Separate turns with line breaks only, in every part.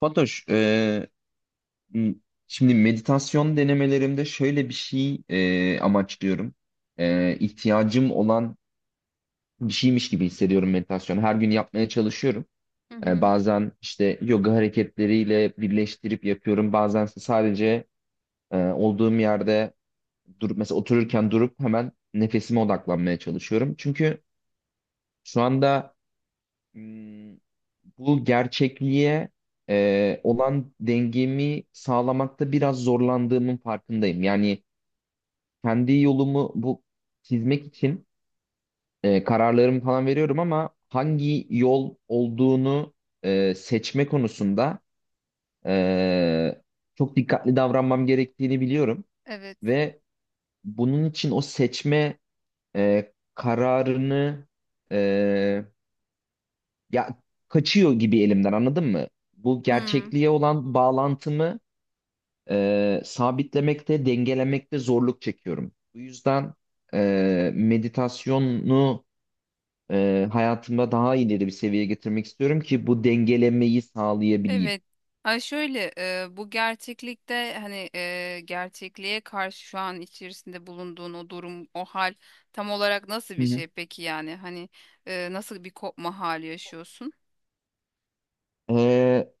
Fatoş, m- şimdi meditasyon denemelerimde şöyle bir şey amaçlıyorum. E, ihtiyacım olan bir şeymiş gibi hissediyorum meditasyonu. Her gün yapmaya çalışıyorum.
Hı
E,
hı.
bazen işte yoga hareketleriyle birleştirip yapıyorum. Bazen ise sadece olduğum yerde durup mesela otururken durup hemen nefesime odaklanmaya çalışıyorum. Çünkü şu anda bu gerçekliğe olan dengemi sağlamakta biraz zorlandığımın farkındayım. Yani kendi yolumu bu çizmek için kararlarımı falan veriyorum ama hangi yol olduğunu seçme konusunda e, çok dikkatli davranmam gerektiğini biliyorum
Evet.
ve bunun için o seçme kararını e, ya kaçıyor gibi elimden, anladın mı? Bu
Hmm,
gerçekliğe olan bağlantımı sabitlemekte, dengelemekte zorluk çekiyorum. Bu yüzden meditasyonu hayatımda daha ileri bir seviyeye getirmek istiyorum ki bu dengelemeyi sağlayabileyim.
evet. Ay şöyle bu gerçeklikte hani gerçekliğe karşı şu an içerisinde bulunduğun o durum, o hal tam olarak nasıl
Hı
bir
hı.
şey peki yani? Hani nasıl bir kopma hali yaşıyorsun?
E,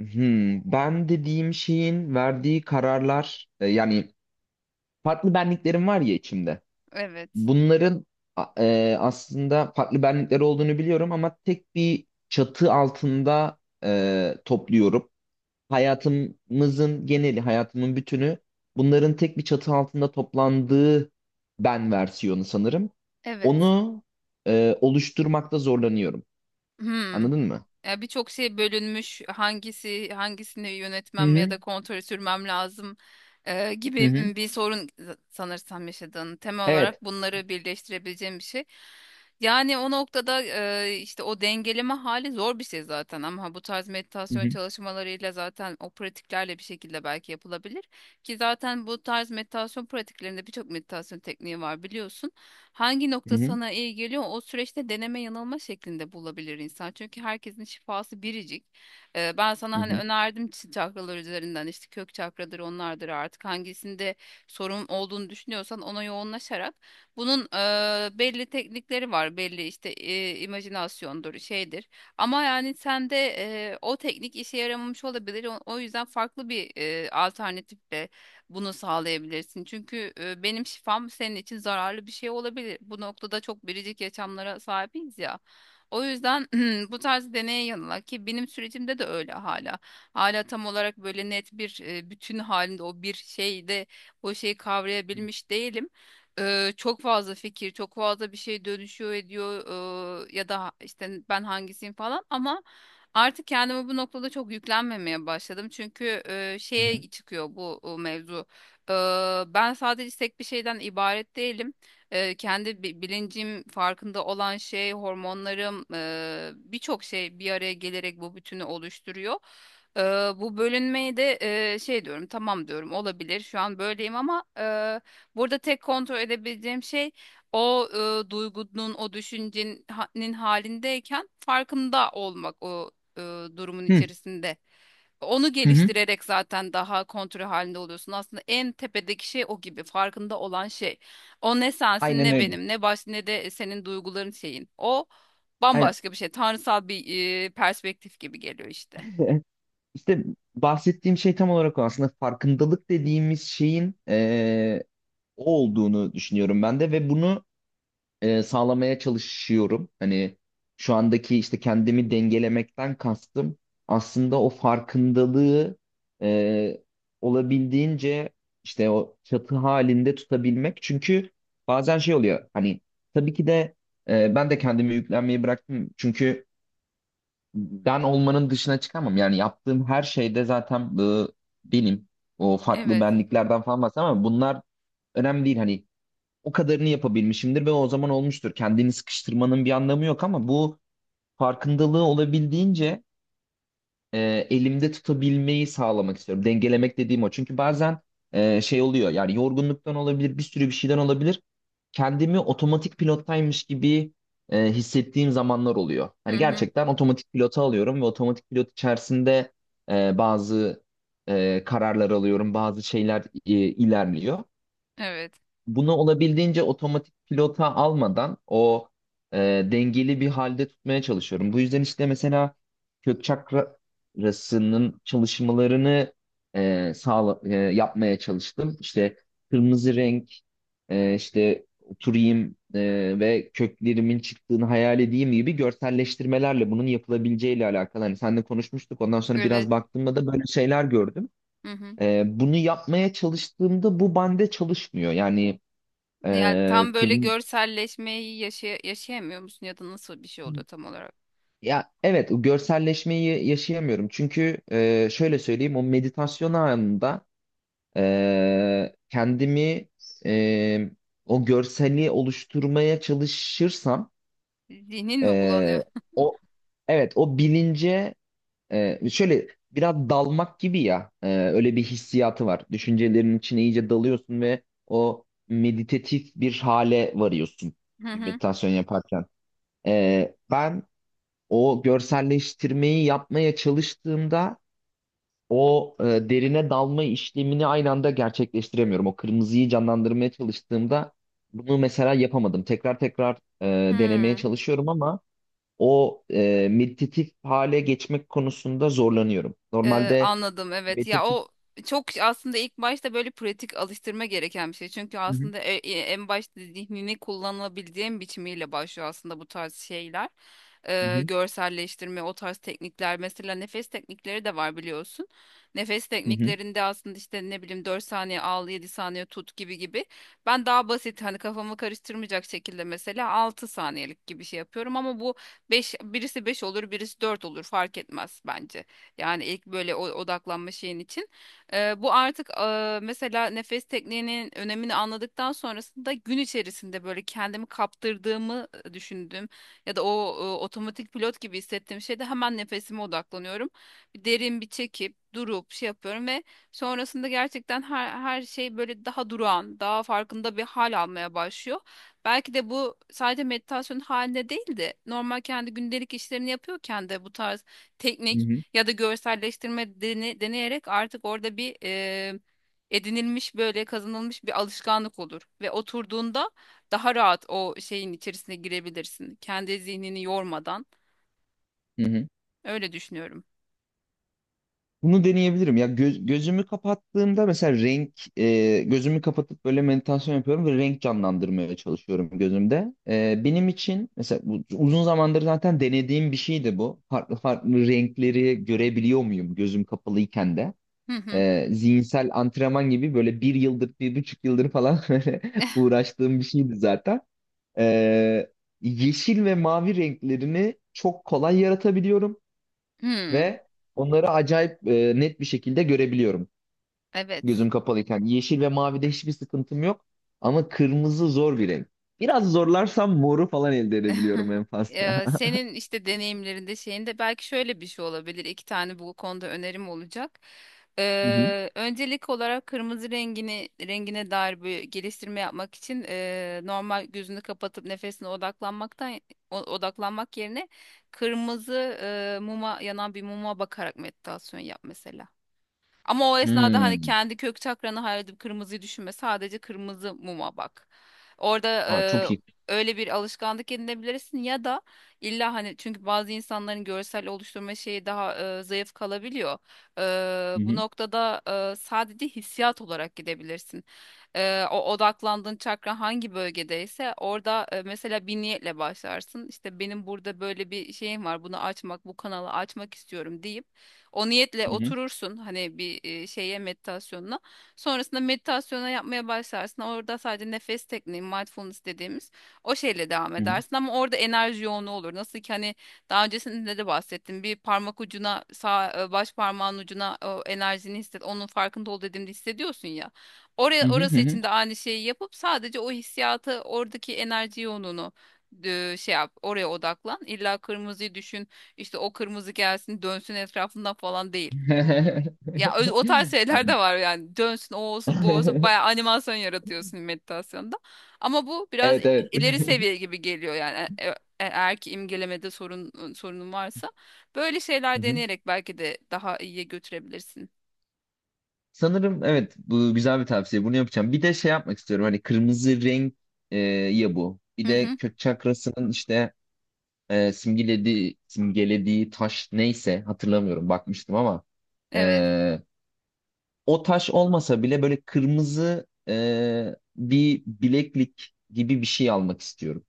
ben dediğim şeyin verdiği kararlar, yani farklı benliklerim var ya içimde.
Evet.
Bunların aslında farklı benlikler olduğunu biliyorum ama tek bir çatı altında topluyorum. Hayatımızın geneli, hayatımın bütünü bunların tek bir çatı altında toplandığı ben versiyonu sanırım.
Evet.
Onu oluşturmakta zorlanıyorum.
Hmm.
Anladın mı?
Ya birçok şey bölünmüş. Hangisi hangisini
Hı
yönetmem ya
hı,
da kontrol sürmem lazım
hı
gibi
hı.
bir sorun sanırsam yaşadığın. Temel
Evet.
olarak bunları birleştirebileceğim bir şey. Yani o noktada işte o dengeleme hali zor bir şey zaten ama bu tarz
Hı
meditasyon
hı,
çalışmalarıyla zaten o pratiklerle bir şekilde belki yapılabilir. Ki zaten bu tarz meditasyon pratiklerinde birçok meditasyon tekniği var biliyorsun. Hangi
hı
nokta
hı,
sana iyi geliyor o süreçte deneme yanılma şeklinde bulabilir insan. Çünkü herkesin şifası biricik. Ben sana
hı
hani
hı.
önerdim çakralar üzerinden işte kök çakradır onlardır artık hangisinde sorun olduğunu düşünüyorsan ona yoğunlaşarak bunun belli teknikleri var. Belli işte imajinasyondur şeydir. Ama yani sende o teknik işe yaramamış olabilir. O yüzden farklı bir alternatifle bunu sağlayabilirsin. Çünkü benim şifam senin için zararlı bir şey olabilir. Bu noktada çok biricik yaşamlara sahibiz ya. O yüzden bu tarz deneye yanıla ki benim sürecimde de öyle hala. Hala tam olarak böyle net bir bütün halinde o bir şeyde o şeyi kavrayabilmiş değilim. Çok fazla fikir, çok fazla bir şey dönüşüyor ediyor, ya da işte ben hangisiyim falan ama artık kendime bu noktada çok yüklenmemeye başladım. Çünkü
Hı
şeye çıkıyor bu mevzu. E, Ben sadece tek bir şeyden ibaret değilim. Kendi bilincim, farkında olan şey, hormonlarım, birçok şey bir araya gelerek bu bütünü oluşturuyor. E, Bu bölünmeyi de şey diyorum, tamam diyorum, olabilir. Şu an böyleyim ama, burada tek kontrol edebileceğim şey o, duygunun, o düşüncenin halindeyken farkında olmak. O e, durumun
hı,
içerisinde. Onu
hı hı.
geliştirerek zaten daha kontrol halinde oluyorsun. Aslında en tepedeki şey o gibi farkında olan şey. O ne sensin
Aynen
ne
öyle.
benim ne baş ne de senin duyguların şeyin. O
Aynen.
bambaşka bir şey. Tanrısal bir perspektif gibi geliyor işte.
İşte bahsettiğim şey tam olarak o, aslında farkındalık dediğimiz şeyin o olduğunu düşünüyorum ben de ve bunu sağlamaya çalışıyorum. Hani şu andaki işte kendimi dengelemekten kastım aslında o farkındalığı e, olabildiğince işte o çatı halinde tutabilmek. Çünkü bazen şey oluyor hani, tabii ki de ben de kendimi yüklenmeyi bıraktım. Çünkü ben olmanın dışına çıkamam. Yani yaptığım her şeyde zaten benim, o farklı
Evet.
benliklerden falan bahsediyorum ama bunlar önemli değil. Hani o kadarını yapabilmişimdir ve o zaman olmuştur. Kendini sıkıştırmanın bir anlamı yok ama bu farkındalığı olabildiğince elimde tutabilmeyi sağlamak istiyorum. Dengelemek dediğim o. Çünkü bazen şey oluyor, yani yorgunluktan olabilir, bir sürü bir şeyden olabilir. Kendimi otomatik pilottaymış gibi hissettiğim zamanlar oluyor.
Hı
Hani
hı.
gerçekten otomatik pilota alıyorum ve otomatik pilot içerisinde bazı kararlar alıyorum, bazı şeyler ilerliyor.
Evet.
Bunu olabildiğince otomatik pilota almadan o e, dengeli bir halde tutmaya çalışıyorum. Bu yüzden işte mesela kök çakrasının çalışmalarını yapmaya çalıştım. İşte kırmızı renk, işte oturayım ve köklerimin çıktığını hayal edeyim gibi görselleştirmelerle bunun yapılabileceğiyle alakalı. Hani seninle konuşmuştuk. Ondan sonra
Evet.
biraz baktığımda da böyle şeyler gördüm.
Hı hı.
Bunu yapmaya çalıştığımda bu bende çalışmıyor. Yani
Yani
ee,
tam böyle
kırm-
görselleşmeyi yaşayamıyor musun ya da nasıl bir şey oluyor tam olarak?
ya evet, o görselleşmeyi yaşayamıyorum. Çünkü şöyle söyleyeyim, o meditasyon anında kendimi e, o görseli oluşturmaya çalışırsam
Zihnin mi bulanıyor?
e, o, evet, o bilince şöyle biraz dalmak gibi ya, öyle bir hissiyatı var. Düşüncelerin içine iyice dalıyorsun ve o meditatif bir hale varıyorsun
Hı hı.
meditasyon yaparken. Ben o görselleştirmeyi yapmaya çalıştığımda o derine dalma işlemini aynı anda gerçekleştiremiyorum. O kırmızıyı canlandırmaya çalıştığımda bunu mesela yapamadım. Tekrar tekrar denemeye
Hı.
çalışıyorum ama o meditatif hale geçmek konusunda zorlanıyorum. Normalde
Anladım, evet, ya
meditatif.
o çok aslında ilk başta böyle pratik alıştırma gereken bir şey. Çünkü
Hı hı,
aslında en başta zihnini kullanabileceğin biçimiyle başlıyor aslında bu tarz şeyler.
hı hı,
Görselleştirme o tarz teknikler mesela nefes teknikleri de var biliyorsun. Nefes
hı hı,
tekniklerinde aslında işte ne bileyim 4 saniye al 7 saniye tut gibi gibi. Ben daha basit hani kafamı karıştırmayacak şekilde mesela 6 saniyelik gibi şey yapıyorum ama bu 5 birisi 5 olur birisi 4 olur fark etmez bence. Yani ilk böyle odaklanma şeyin için. Bu artık, mesela nefes tekniğinin önemini anladıktan sonrasında gün içerisinde böyle kendimi kaptırdığımı düşündüm. Ya da o otomatik pilot gibi hissettiğim şeyde hemen nefesime odaklanıyorum. Bir derin bir çekip durup şey yapıyorum ve sonrasında gerçekten her şey böyle daha durağan, daha farkında bir hal almaya başlıyor. Belki de bu sadece meditasyon halinde değil de normal kendi gündelik işlerini yapıyorken de bu tarz
hı
teknik
hı,
ya da görselleştirme deneyerek artık orada bir edinilmiş böyle kazanılmış bir alışkanlık olur ve oturduğunda daha rahat o şeyin içerisine girebilirsin. Kendi zihnini yormadan
hı hı.
öyle düşünüyorum.
Bunu deneyebilirim. Ya gözümü kapattığımda mesela renk, gözümü kapatıp böyle meditasyon yapıyorum ve renk canlandırmaya çalışıyorum gözümde. Benim için mesela bu uzun zamandır zaten denediğim bir şeydi bu. Farklı farklı renkleri görebiliyor muyum gözüm kapalıyken de?
Hı hı.
Zihinsel antrenman gibi böyle bir yıldır, bir buçuk yıldır falan böyle uğraştığım bir şeydi zaten. E, yeşil ve mavi renklerini çok kolay yaratabiliyorum
Hmm,
ve onları acayip net bir şekilde görebiliyorum
evet.
gözüm kapalıyken. Yeşil ve mavide hiçbir sıkıntım yok ama kırmızı zor bir renk. Biraz zorlarsam moru falan elde edebiliyorum en fazla.
Senin işte deneyimlerinde şeyinde belki şöyle bir şey olabilir. İki tane bu konuda önerim olacak.
Hı hı.
Öncelik olarak kırmızı rengini rengine dair bir geliştirme yapmak için, normal gözünü kapatıp nefesine odaklanmaktan odaklanmak yerine kırmızı, yanan bir muma bakarak meditasyon yap mesela. Ama o esnada hani
Hmm.
kendi kök çakranı hayal edip kırmızıyı düşünme. Sadece kırmızı muma bak. Orada
Ha, çok iyi.
öyle bir alışkanlık edinebilirsin ya da illa hani çünkü bazı insanların görsel oluşturma şeyi daha zayıf kalabiliyor.
Hı
Bu
hı.
noktada sadece hissiyat olarak gidebilirsin. O odaklandığın çakra hangi bölgedeyse orada mesela bir niyetle başlarsın. İşte benim burada böyle bir şeyim var. Bunu açmak, bu kanalı açmak istiyorum deyip o niyetle
Hı hı.
oturursun hani bir şeye meditasyonuna. Sonrasında meditasyona yapmaya başlarsın. Orada sadece nefes tekniği, mindfulness dediğimiz o şeyle devam
Hı hı.
edersin ama orada enerji yoğunluğu olur. Nasıl ki hani daha öncesinde de bahsettim. Bir parmak ucuna, sağ baş parmağın ucuna o enerjini hisset. Onun farkında ol dediğimde hissediyorsun ya.
Hı
Oraya
hı.
orası
Hı
için de aynı şeyi yapıp sadece o hissiyatı, oradaki enerji yoğunluğunu şey yap, oraya odaklan. İlla kırmızıyı düşün işte o kırmızı gelsin dönsün etrafından falan değil.
hı.
O tarz şeyler de
Anladım.
var yani dönsün o olsun bu olsun baya animasyon yaratıyorsun meditasyonda. Ama bu biraz
Evet, evet.
ileri seviye gibi geliyor yani eğer ki imgelemede sorunun varsa böyle
Hı
şeyler
hı.
deneyerek belki de daha iyiye götürebilirsin.
Sanırım evet, bu güzel bir tavsiye. Bunu yapacağım. Bir de şey yapmak istiyorum. Hani kırmızı renk ya bu. Bir
Hı
de
hı.
kök çakrasının işte simgelediği taş neyse, hatırlamıyorum, bakmıştım ama
Evet.
e, o taş olmasa bile böyle kırmızı bir bileklik gibi bir şey almak istiyorum.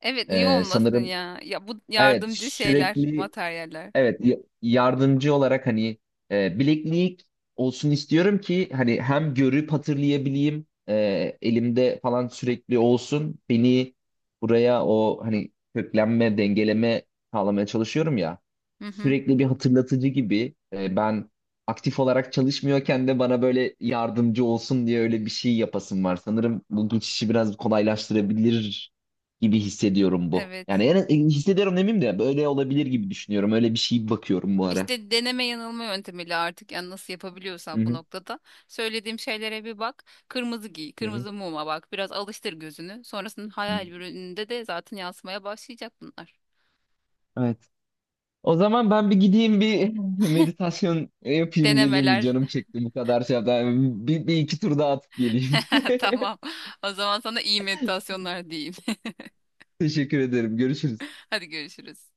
Evet, niye
E,
olmasın
sanırım
ya? Ya bu
evet,
yardımcı şeyler,
sürekli.
materyaller.
Evet, yardımcı olarak hani bileklik olsun istiyorum ki hani hem görüp hatırlayabileyim, elimde falan sürekli olsun, beni buraya, o hani köklenme dengeleme sağlamaya çalışıyorum ya,
Hı hı.
sürekli bir hatırlatıcı gibi ben aktif olarak çalışmıyorken de bana böyle yardımcı olsun diye öyle bir şey yapasım var. Sanırım bu geçişi biraz kolaylaştırabilir gibi hissediyorum bu. Yani
Evet.
hissediyorum demeyeyim de böyle olabilir gibi düşünüyorum. Öyle bir şey bakıyorum bu ara.
İşte deneme yanılma yöntemiyle artık yani nasıl
Hı
yapabiliyorsan bu
hı.
noktada söylediğim şeylere bir bak. Kırmızı giy,
Hı hı.
kırmızı muma bak. Biraz alıştır gözünü. Sonrasında hayal ürününde de zaten yansımaya başlayacak bunlar.
Evet. O zaman ben bir gideyim bir meditasyon yapayım geleyim, bir
Denemeler.
canım çekti, bu kadar şey yaptım. Bir iki tur daha atıp geleyim.
Tamam. O zaman sana iyi meditasyonlar diyeyim.
Teşekkür ederim. Görüşürüz.
Hadi görüşürüz.